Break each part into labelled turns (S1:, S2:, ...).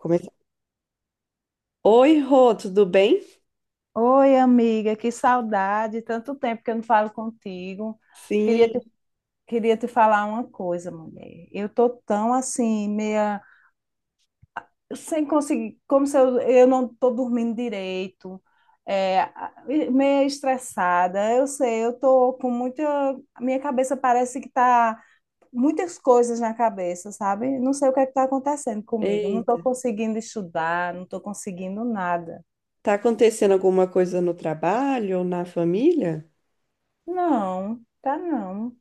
S1: Come- Oi, Rô, tudo bem?
S2: Oi, amiga, que saudade. Tanto tempo que eu não falo contigo. Queria te,
S1: Sim.
S2: queria te falar uma coisa, mulher. Eu tô tão assim, meia sem conseguir, como se eu não tô dormindo direito, é, a- meia estressada. Eu sei, eu tô com muita. A Minha cabeça parece que tá muitas coisas na cabeça, sabe? Não sei o que é que tá acontecendo comigo. Não tô
S1: Eita,
S2: conseguindo estudar, não tô conseguindo nada.
S1: tá acontecendo alguma coisa no trabalho ou na família?
S2: Não, tá não.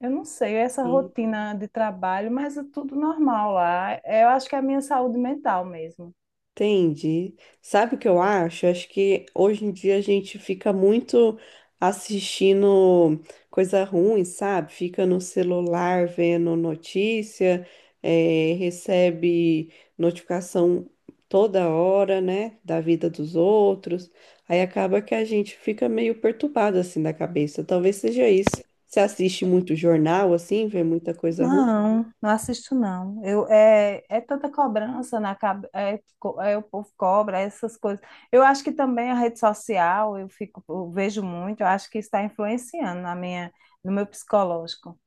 S2: Eu não sei, essa rotina de trabalho, mas é tudo normal lá. Eu acho que é a minha saúde mental mesmo.
S1: Entendi. Sabe o que eu acho? Eu acho que hoje em dia a gente fica muito assistindo coisa ruim, sabe? Fica no celular vendo notícia, recebe notificação toda hora, né? Da vida dos outros. Aí acaba que a gente fica meio perturbado assim da cabeça. Talvez seja isso. Você assiste muito jornal, assim, vê muita coisa ruim?
S2: Não, não assisto não. É, é tanta cobrança na cabeça, é o povo cobra, essas coisas. Eu acho que também a rede social, eu fico, eu vejo muito, eu acho que está influenciando na no meu psicológico.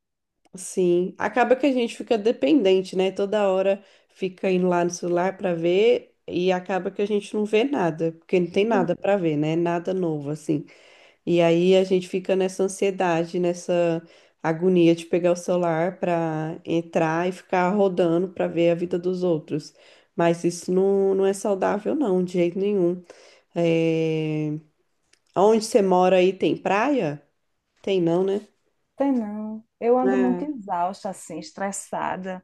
S1: Sim, acaba que a gente fica dependente, né? Toda hora fica indo lá no celular para ver e acaba que a gente não vê nada, porque não tem nada para ver, né? Nada novo assim. E aí a gente fica nessa ansiedade, nessa agonia de pegar o celular para entrar e ficar rodando para ver a vida dos outros. Mas isso não é saudável, não, de jeito nenhum. É... Onde você mora aí tem praia? Tem não, né?
S2: Tem não. Eu ando muito
S1: Ah,
S2: exausta, assim, estressada.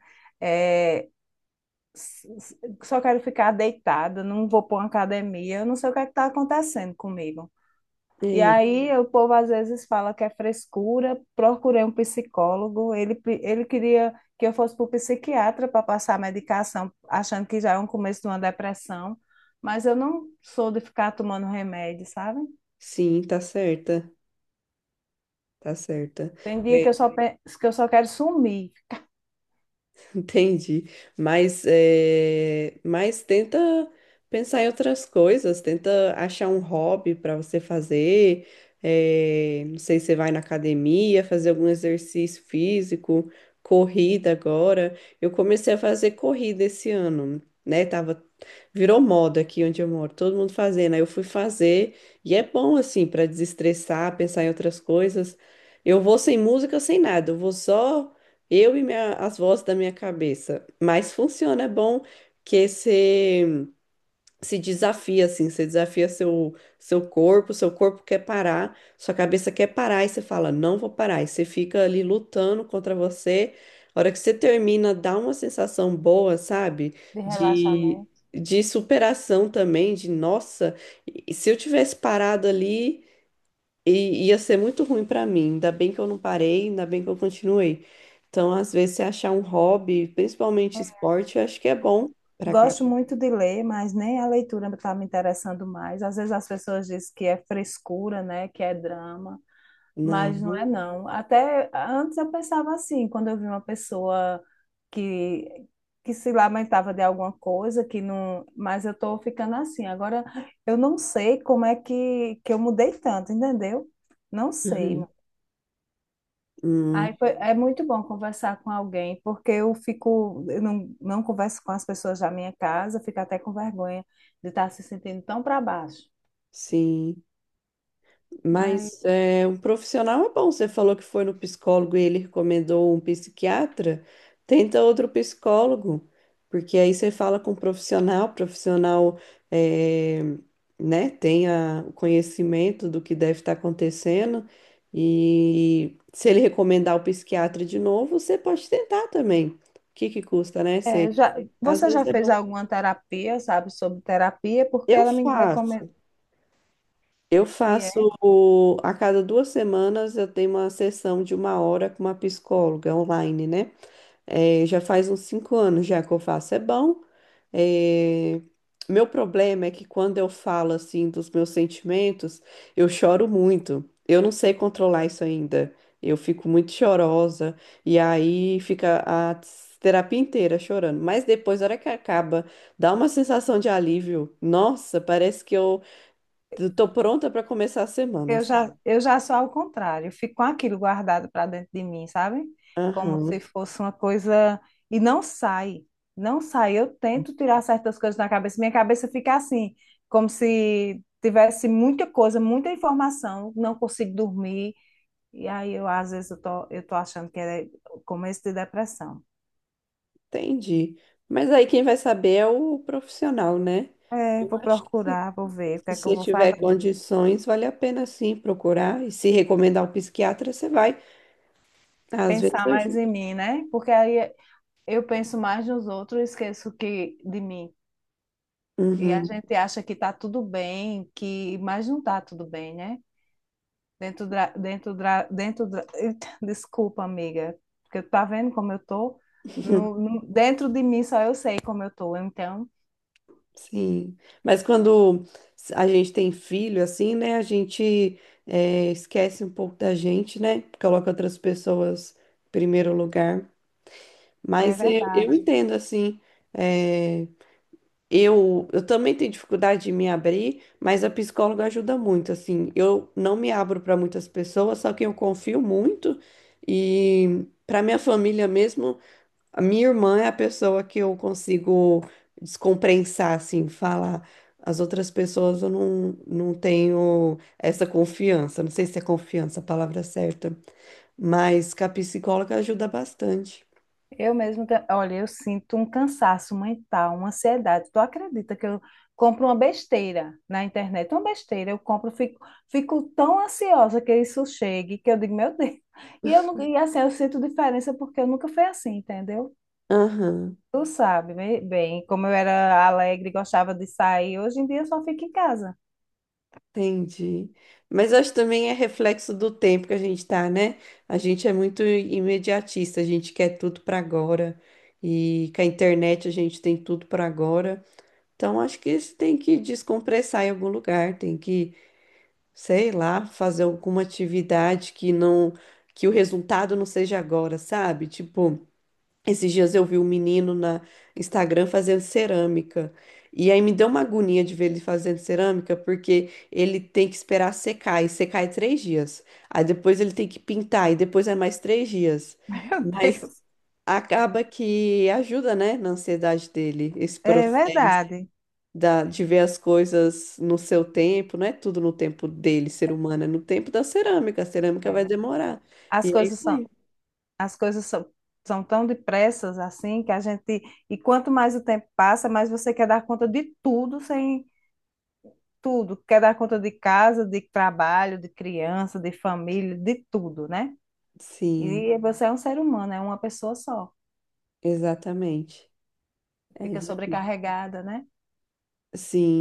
S2: Só quero ficar deitada, não vou para uma academia, eu não sei o que é que está acontecendo comigo. E
S1: é.
S2: aí o povo às vezes fala que é frescura, procurei um psicólogo, ele queria que eu fosse para o psiquiatra para passar medicação, achando que já é um começo de uma depressão, mas eu não sou de ficar tomando remédio, sabe?
S1: Sim, tá certa. Tá certa.
S2: Tem dia
S1: É,
S2: que eu que eu só quero sumir
S1: entendi. Mas, é, mas tenta pensar em outras coisas, tenta achar um hobby para você fazer. É, não sei se você vai na academia, fazer algum exercício físico, corrida agora. Eu comecei a fazer corrida esse ano, né? Tava, virou moda aqui onde eu moro, todo mundo fazendo. Aí eu fui fazer, e é bom assim para desestressar, pensar em outras coisas. Eu vou sem música, sem nada, eu vou só. Eu e as vozes da minha cabeça. Mas funciona, é bom que você se desafia, assim, você desafia seu corpo, seu corpo quer parar, sua cabeça quer parar, e você fala, não vou parar. E você fica ali lutando contra você. A hora que você termina, dá uma sensação boa, sabe?
S2: de
S1: De,
S2: relaxamento.
S1: de superação também, de nossa, e se eu tivesse parado ali. E ia ser muito ruim pra mim. Ainda bem que eu não parei, ainda bem que eu continuei. Então, às vezes, você achar um hobby, principalmente esporte, eu acho que é bom pra cá.
S2: Gosto muito de ler, mas nem a leitura está me interessando mais. Às vezes as pessoas dizem que é frescura, né, que é drama, mas não é
S1: Não.
S2: não. Até antes eu pensava assim, quando eu vi uma pessoa que que se lamentava de alguma coisa, que não, mas eu estou ficando assim. Agora eu não sei como é que eu mudei tanto, entendeu? Não sei.
S1: Uhum. Hum,
S2: É muito bom conversar com alguém, porque eu fico, eu não, não converso com as pessoas da minha casa, eu fico até com vergonha de estar se sentindo tão para baixo.
S1: sim.
S2: Mas
S1: Mas é, um profissional é bom. Você falou que foi no psicólogo e ele recomendou um psiquiatra. Tenta outro psicólogo, porque aí você fala com um profissional, profissional é, né, tenha o conhecimento do que deve estar acontecendo. E se ele recomendar o psiquiatra de novo, você pode tentar também. O que que custa, né? Você,
S2: é, já,
S1: às
S2: você
S1: vezes
S2: já
S1: é
S2: fez
S1: bom.
S2: alguma terapia, sabe, sobre terapia? Porque
S1: Eu
S2: ela me recomendou.
S1: faço. Eu faço a cada duas semanas eu tenho uma sessão de uma hora com uma psicóloga online, né? Já faz uns 5 anos já que eu faço. É bom. Eh, Meu problema é que quando eu falo assim dos meus sentimentos, eu choro muito. Eu não sei controlar isso ainda. Eu fico muito chorosa e aí fica a terapia inteira chorando. Mas depois, na hora que acaba, dá uma sensação de alívio. Nossa, parece que eu tô pronta para começar a semana, sabe?
S2: Eu já sou ao contrário, eu fico com aquilo guardado para dentro de mim, sabe? Como se
S1: Aham,
S2: fosse uma coisa. E não sai, não sai. Eu tento tirar certas coisas da cabeça, minha cabeça fica assim, como se tivesse muita coisa, muita informação, não consigo dormir. E aí eu tô achando que é o começo de depressão.
S1: entendi. Mas aí quem vai saber é o profissional, né?
S2: É,
S1: Eu
S2: vou
S1: acho que
S2: procurar, vou ver o que
S1: se
S2: é que eu
S1: você
S2: vou
S1: tiver
S2: fazer.
S1: condições, vale a pena sim procurar. E se recomendar o psiquiatra, você vai. Às vezes
S2: Pensar mais
S1: ajuda.
S2: em mim, né? Porque aí eu penso mais nos outros e de mim. E a
S1: Uhum,
S2: gente acha que está tudo bem, que mas não está tudo bem, né? Eita, desculpa, amiga, porque tá vendo como eu tô? Dentro de mim só eu sei como eu tô. Então,
S1: sim. Mas quando a gente tem filho, assim, né? A gente esquece um pouco da gente, né? Coloca outras pessoas em primeiro lugar.
S2: é
S1: Mas eu
S2: verdade.
S1: entendo, assim. eh, eu também tenho dificuldade de me abrir, mas a psicóloga ajuda muito, assim. Eu não me abro para muitas pessoas, só que eu confio muito e para minha família mesmo, a minha irmã é a pessoa que eu consigo descompensar, assim, falar. As outras pessoas eu não tenho essa confiança. Não sei se é confiança a palavra certa, mas que a psicóloga ajuda bastante.
S2: Olha, eu sinto um cansaço mental, uma ansiedade. Tu acredita que eu compro uma besteira na internet? Uma besteira, eu compro, fico, fico tão ansiosa que isso chegue, que eu digo, meu Deus. E eu nunca, e assim, eu sinto diferença porque eu nunca fui assim, entendeu?
S1: Aham.
S2: Tu sabe bem, bem, como eu era alegre, gostava de sair, hoje em dia eu só fico em casa.
S1: Entendi. Mas acho que também é reflexo do tempo que a gente tá, né? A gente é muito imediatista, a gente quer tudo para agora. E com a internet a gente tem tudo para agora. Então acho que isso tem que descompressar em algum lugar, tem que, sei lá, fazer alguma atividade que o resultado não seja agora, sabe? Tipo, esses dias eu vi um menino na Instagram fazendo cerâmica. E aí me deu uma agonia de ver ele fazendo cerâmica, porque ele tem que esperar secar, e secar é 3 dias. Aí depois ele tem que pintar, e depois é mais 3 dias.
S2: Meu
S1: Mas
S2: Deus.
S1: acaba que ajuda, né, na ansiedade dele, esse
S2: É
S1: processo
S2: verdade.
S1: de ver as coisas no seu tempo, não é tudo no tempo dele, ser humano, é no tempo da cerâmica. A cerâmica vai
S2: É.
S1: demorar.
S2: As
S1: E é
S2: coisas
S1: isso
S2: são
S1: aí.
S2: as coisas são, são tão depressas assim que a gente. E quanto mais o tempo passa, mais você quer dar conta de tudo sem tudo. Quer dar conta de casa, de trabalho, de criança, de família, de tudo, né?
S1: Sim,
S2: E você é um ser humano, é uma pessoa só.
S1: exatamente. É
S2: Fica
S1: difícil.
S2: sobrecarregada, né?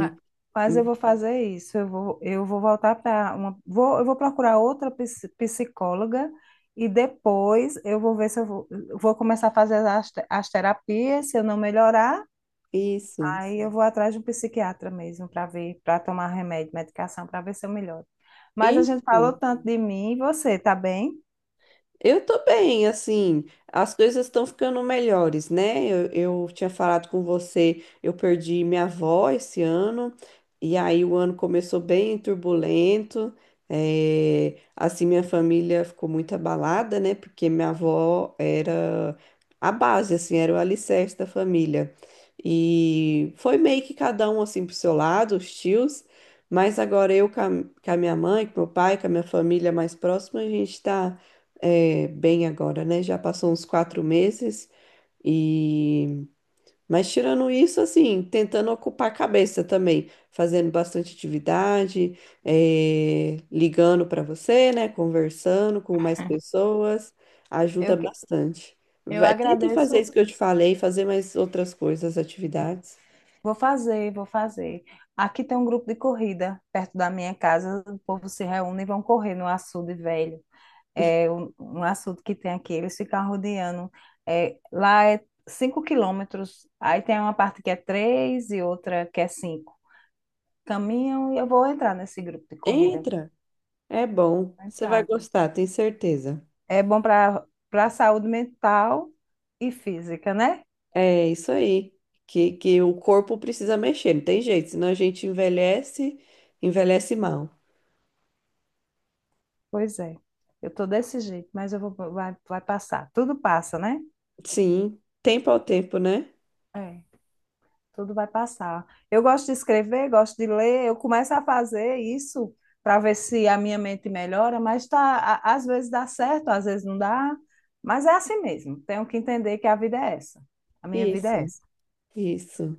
S2: Ma- Mas eu vou fazer isso. Eu vou voltar para uma. Eu vou procurar outra psicóloga. E depois eu vou ver se eu vou começar a fazer as terapias. Se eu não melhorar,
S1: isso,
S2: aí eu vou atrás de um psiquiatra mesmo para ver, para tomar remédio, medicação, para ver se eu melhoro. Mas a gente
S1: isso.
S2: falou tanto de mim e você, tá bem?
S1: Eu tô bem, assim, as coisas estão ficando melhores, né? Eu tinha falado com você, eu perdi minha avó esse ano, e aí o ano começou bem turbulento, assim, minha família ficou muito abalada, né? Porque minha avó era a base, assim, era o alicerce da família. E foi meio que cada um, assim, pro seu lado, os tios, mas agora eu com a minha mãe, com meu pai, com a minha família mais próxima, a gente tá é, bem agora, né? Já passou uns 4 meses e, mas tirando isso, assim, tentando ocupar a cabeça também, fazendo bastante atividade, é, ligando para você, né? Conversando com mais pessoas, ajuda
S2: Eu, que-
S1: bastante.
S2: eu
S1: Vai, tenta fazer
S2: agradeço.
S1: isso que eu te falei, fazer mais outras coisas, atividades.
S2: Vou fazer, vou fazer. Aqui tem um grupo de corrida perto da minha casa. O povo se reúne e vão correr no açude velho. É um açude que tem aqui. Eles ficam rodeando. É, lá é 5 quilômetros. Aí tem uma parte que é 3 e outra que é 5. Caminham e eu vou entrar nesse grupo de corrida.
S1: Entra, é bom,
S2: Vou
S1: você vai
S2: entrar.
S1: gostar, tenho certeza.
S2: É bom para a saúde mental e física, né?
S1: É isso aí, que o corpo precisa mexer, não tem jeito, senão a gente envelhece, envelhece mal.
S2: Pois é. Eu tô desse jeito, mas eu vou vai, vai passar. Tudo passa, né?
S1: Sim, tempo ao tempo, né?
S2: É, tudo vai passar. Eu gosto de escrever, gosto de ler, eu começo a fazer isso para ver se a minha mente melhora, mas tá, às vezes dá certo, às vezes não dá, mas é assim mesmo. Tenho que entender que a vida é essa. A minha vida é
S1: Isso,
S2: essa.
S1: isso,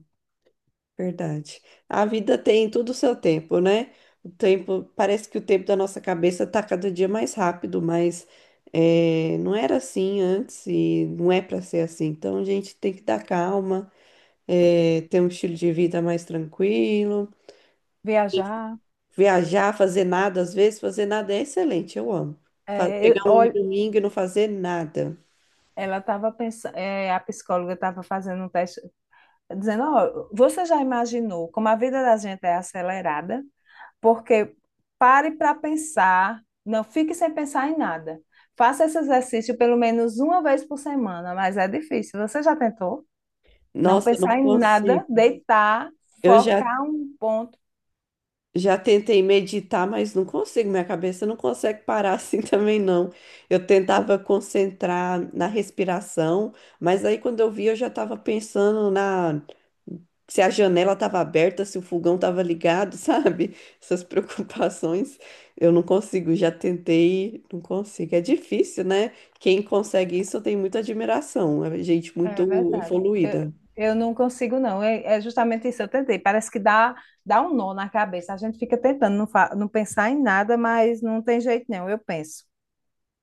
S1: verdade. A vida tem tudo o seu tempo, né? O tempo, parece que o tempo da nossa cabeça tá cada dia mais rápido, mas é, não era assim antes e não é para ser assim. Então a gente tem que dar calma, é, ter um estilo de vida mais tranquilo.
S2: Viajar,
S1: Viajar, fazer nada, às vezes fazer nada é excelente, eu amo. Pegar um
S2: olha,
S1: domingo e não fazer nada.
S2: ela estava pensando, a psicóloga estava fazendo um teste dizendo, ó, você já imaginou como a vida da gente é acelerada? Porque pare para pensar, não fique sem pensar em nada. Faça esse exercício pelo menos uma vez por semana, mas é difícil. Você já tentou? Não
S1: Nossa, eu não
S2: pensar em nada,
S1: consigo.
S2: deitar,
S1: Eu já
S2: focar um ponto.
S1: Já tentei meditar, mas não consigo. Minha cabeça não consegue parar assim também, não. Eu tentava concentrar na respiração, mas aí quando eu vi, eu já estava pensando na se a janela estava aberta, se o fogão estava ligado, sabe? Essas preocupações eu não consigo. Já tentei, não consigo. É difícil, né? Quem consegue isso, eu tenho muita admiração. É gente
S2: É
S1: muito
S2: verdade.
S1: evoluída.
S2: Eu não consigo, não. É, é justamente isso, eu tentei. Parece que dá um nó na cabeça. A gente fica tentando não pensar em nada, mas não tem jeito, não. Eu penso.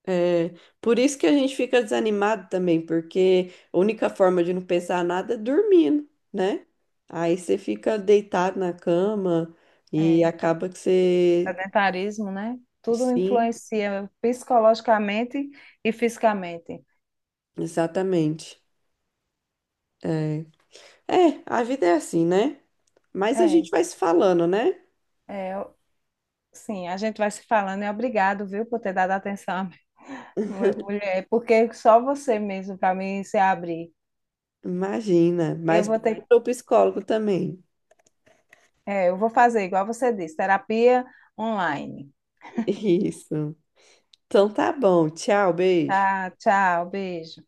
S1: É, por isso que a gente fica desanimado também, porque a única forma de não pensar nada é dormindo, né? Aí você fica deitado na cama e
S2: É.
S1: acaba que você.
S2: Sedentarismo, né? Tudo
S1: Sim,
S2: influencia psicologicamente e fisicamente.
S1: exatamente. É, é, a vida é assim, né? Mas a
S2: É,
S1: gente vai se falando, né?
S2: é, eu- sim, a gente vai se falando e obrigado, viu, por ter dado atenção à minha mulher, porque só você mesmo para mim se abrir.
S1: Imagina.
S2: Eu
S1: Mas
S2: vou ter,
S1: procura o psicólogo também.
S2: eu vou fazer igual você disse, terapia online.
S1: Isso. Então tá bom. Tchau, beijo.
S2: Tá, tchau, beijo.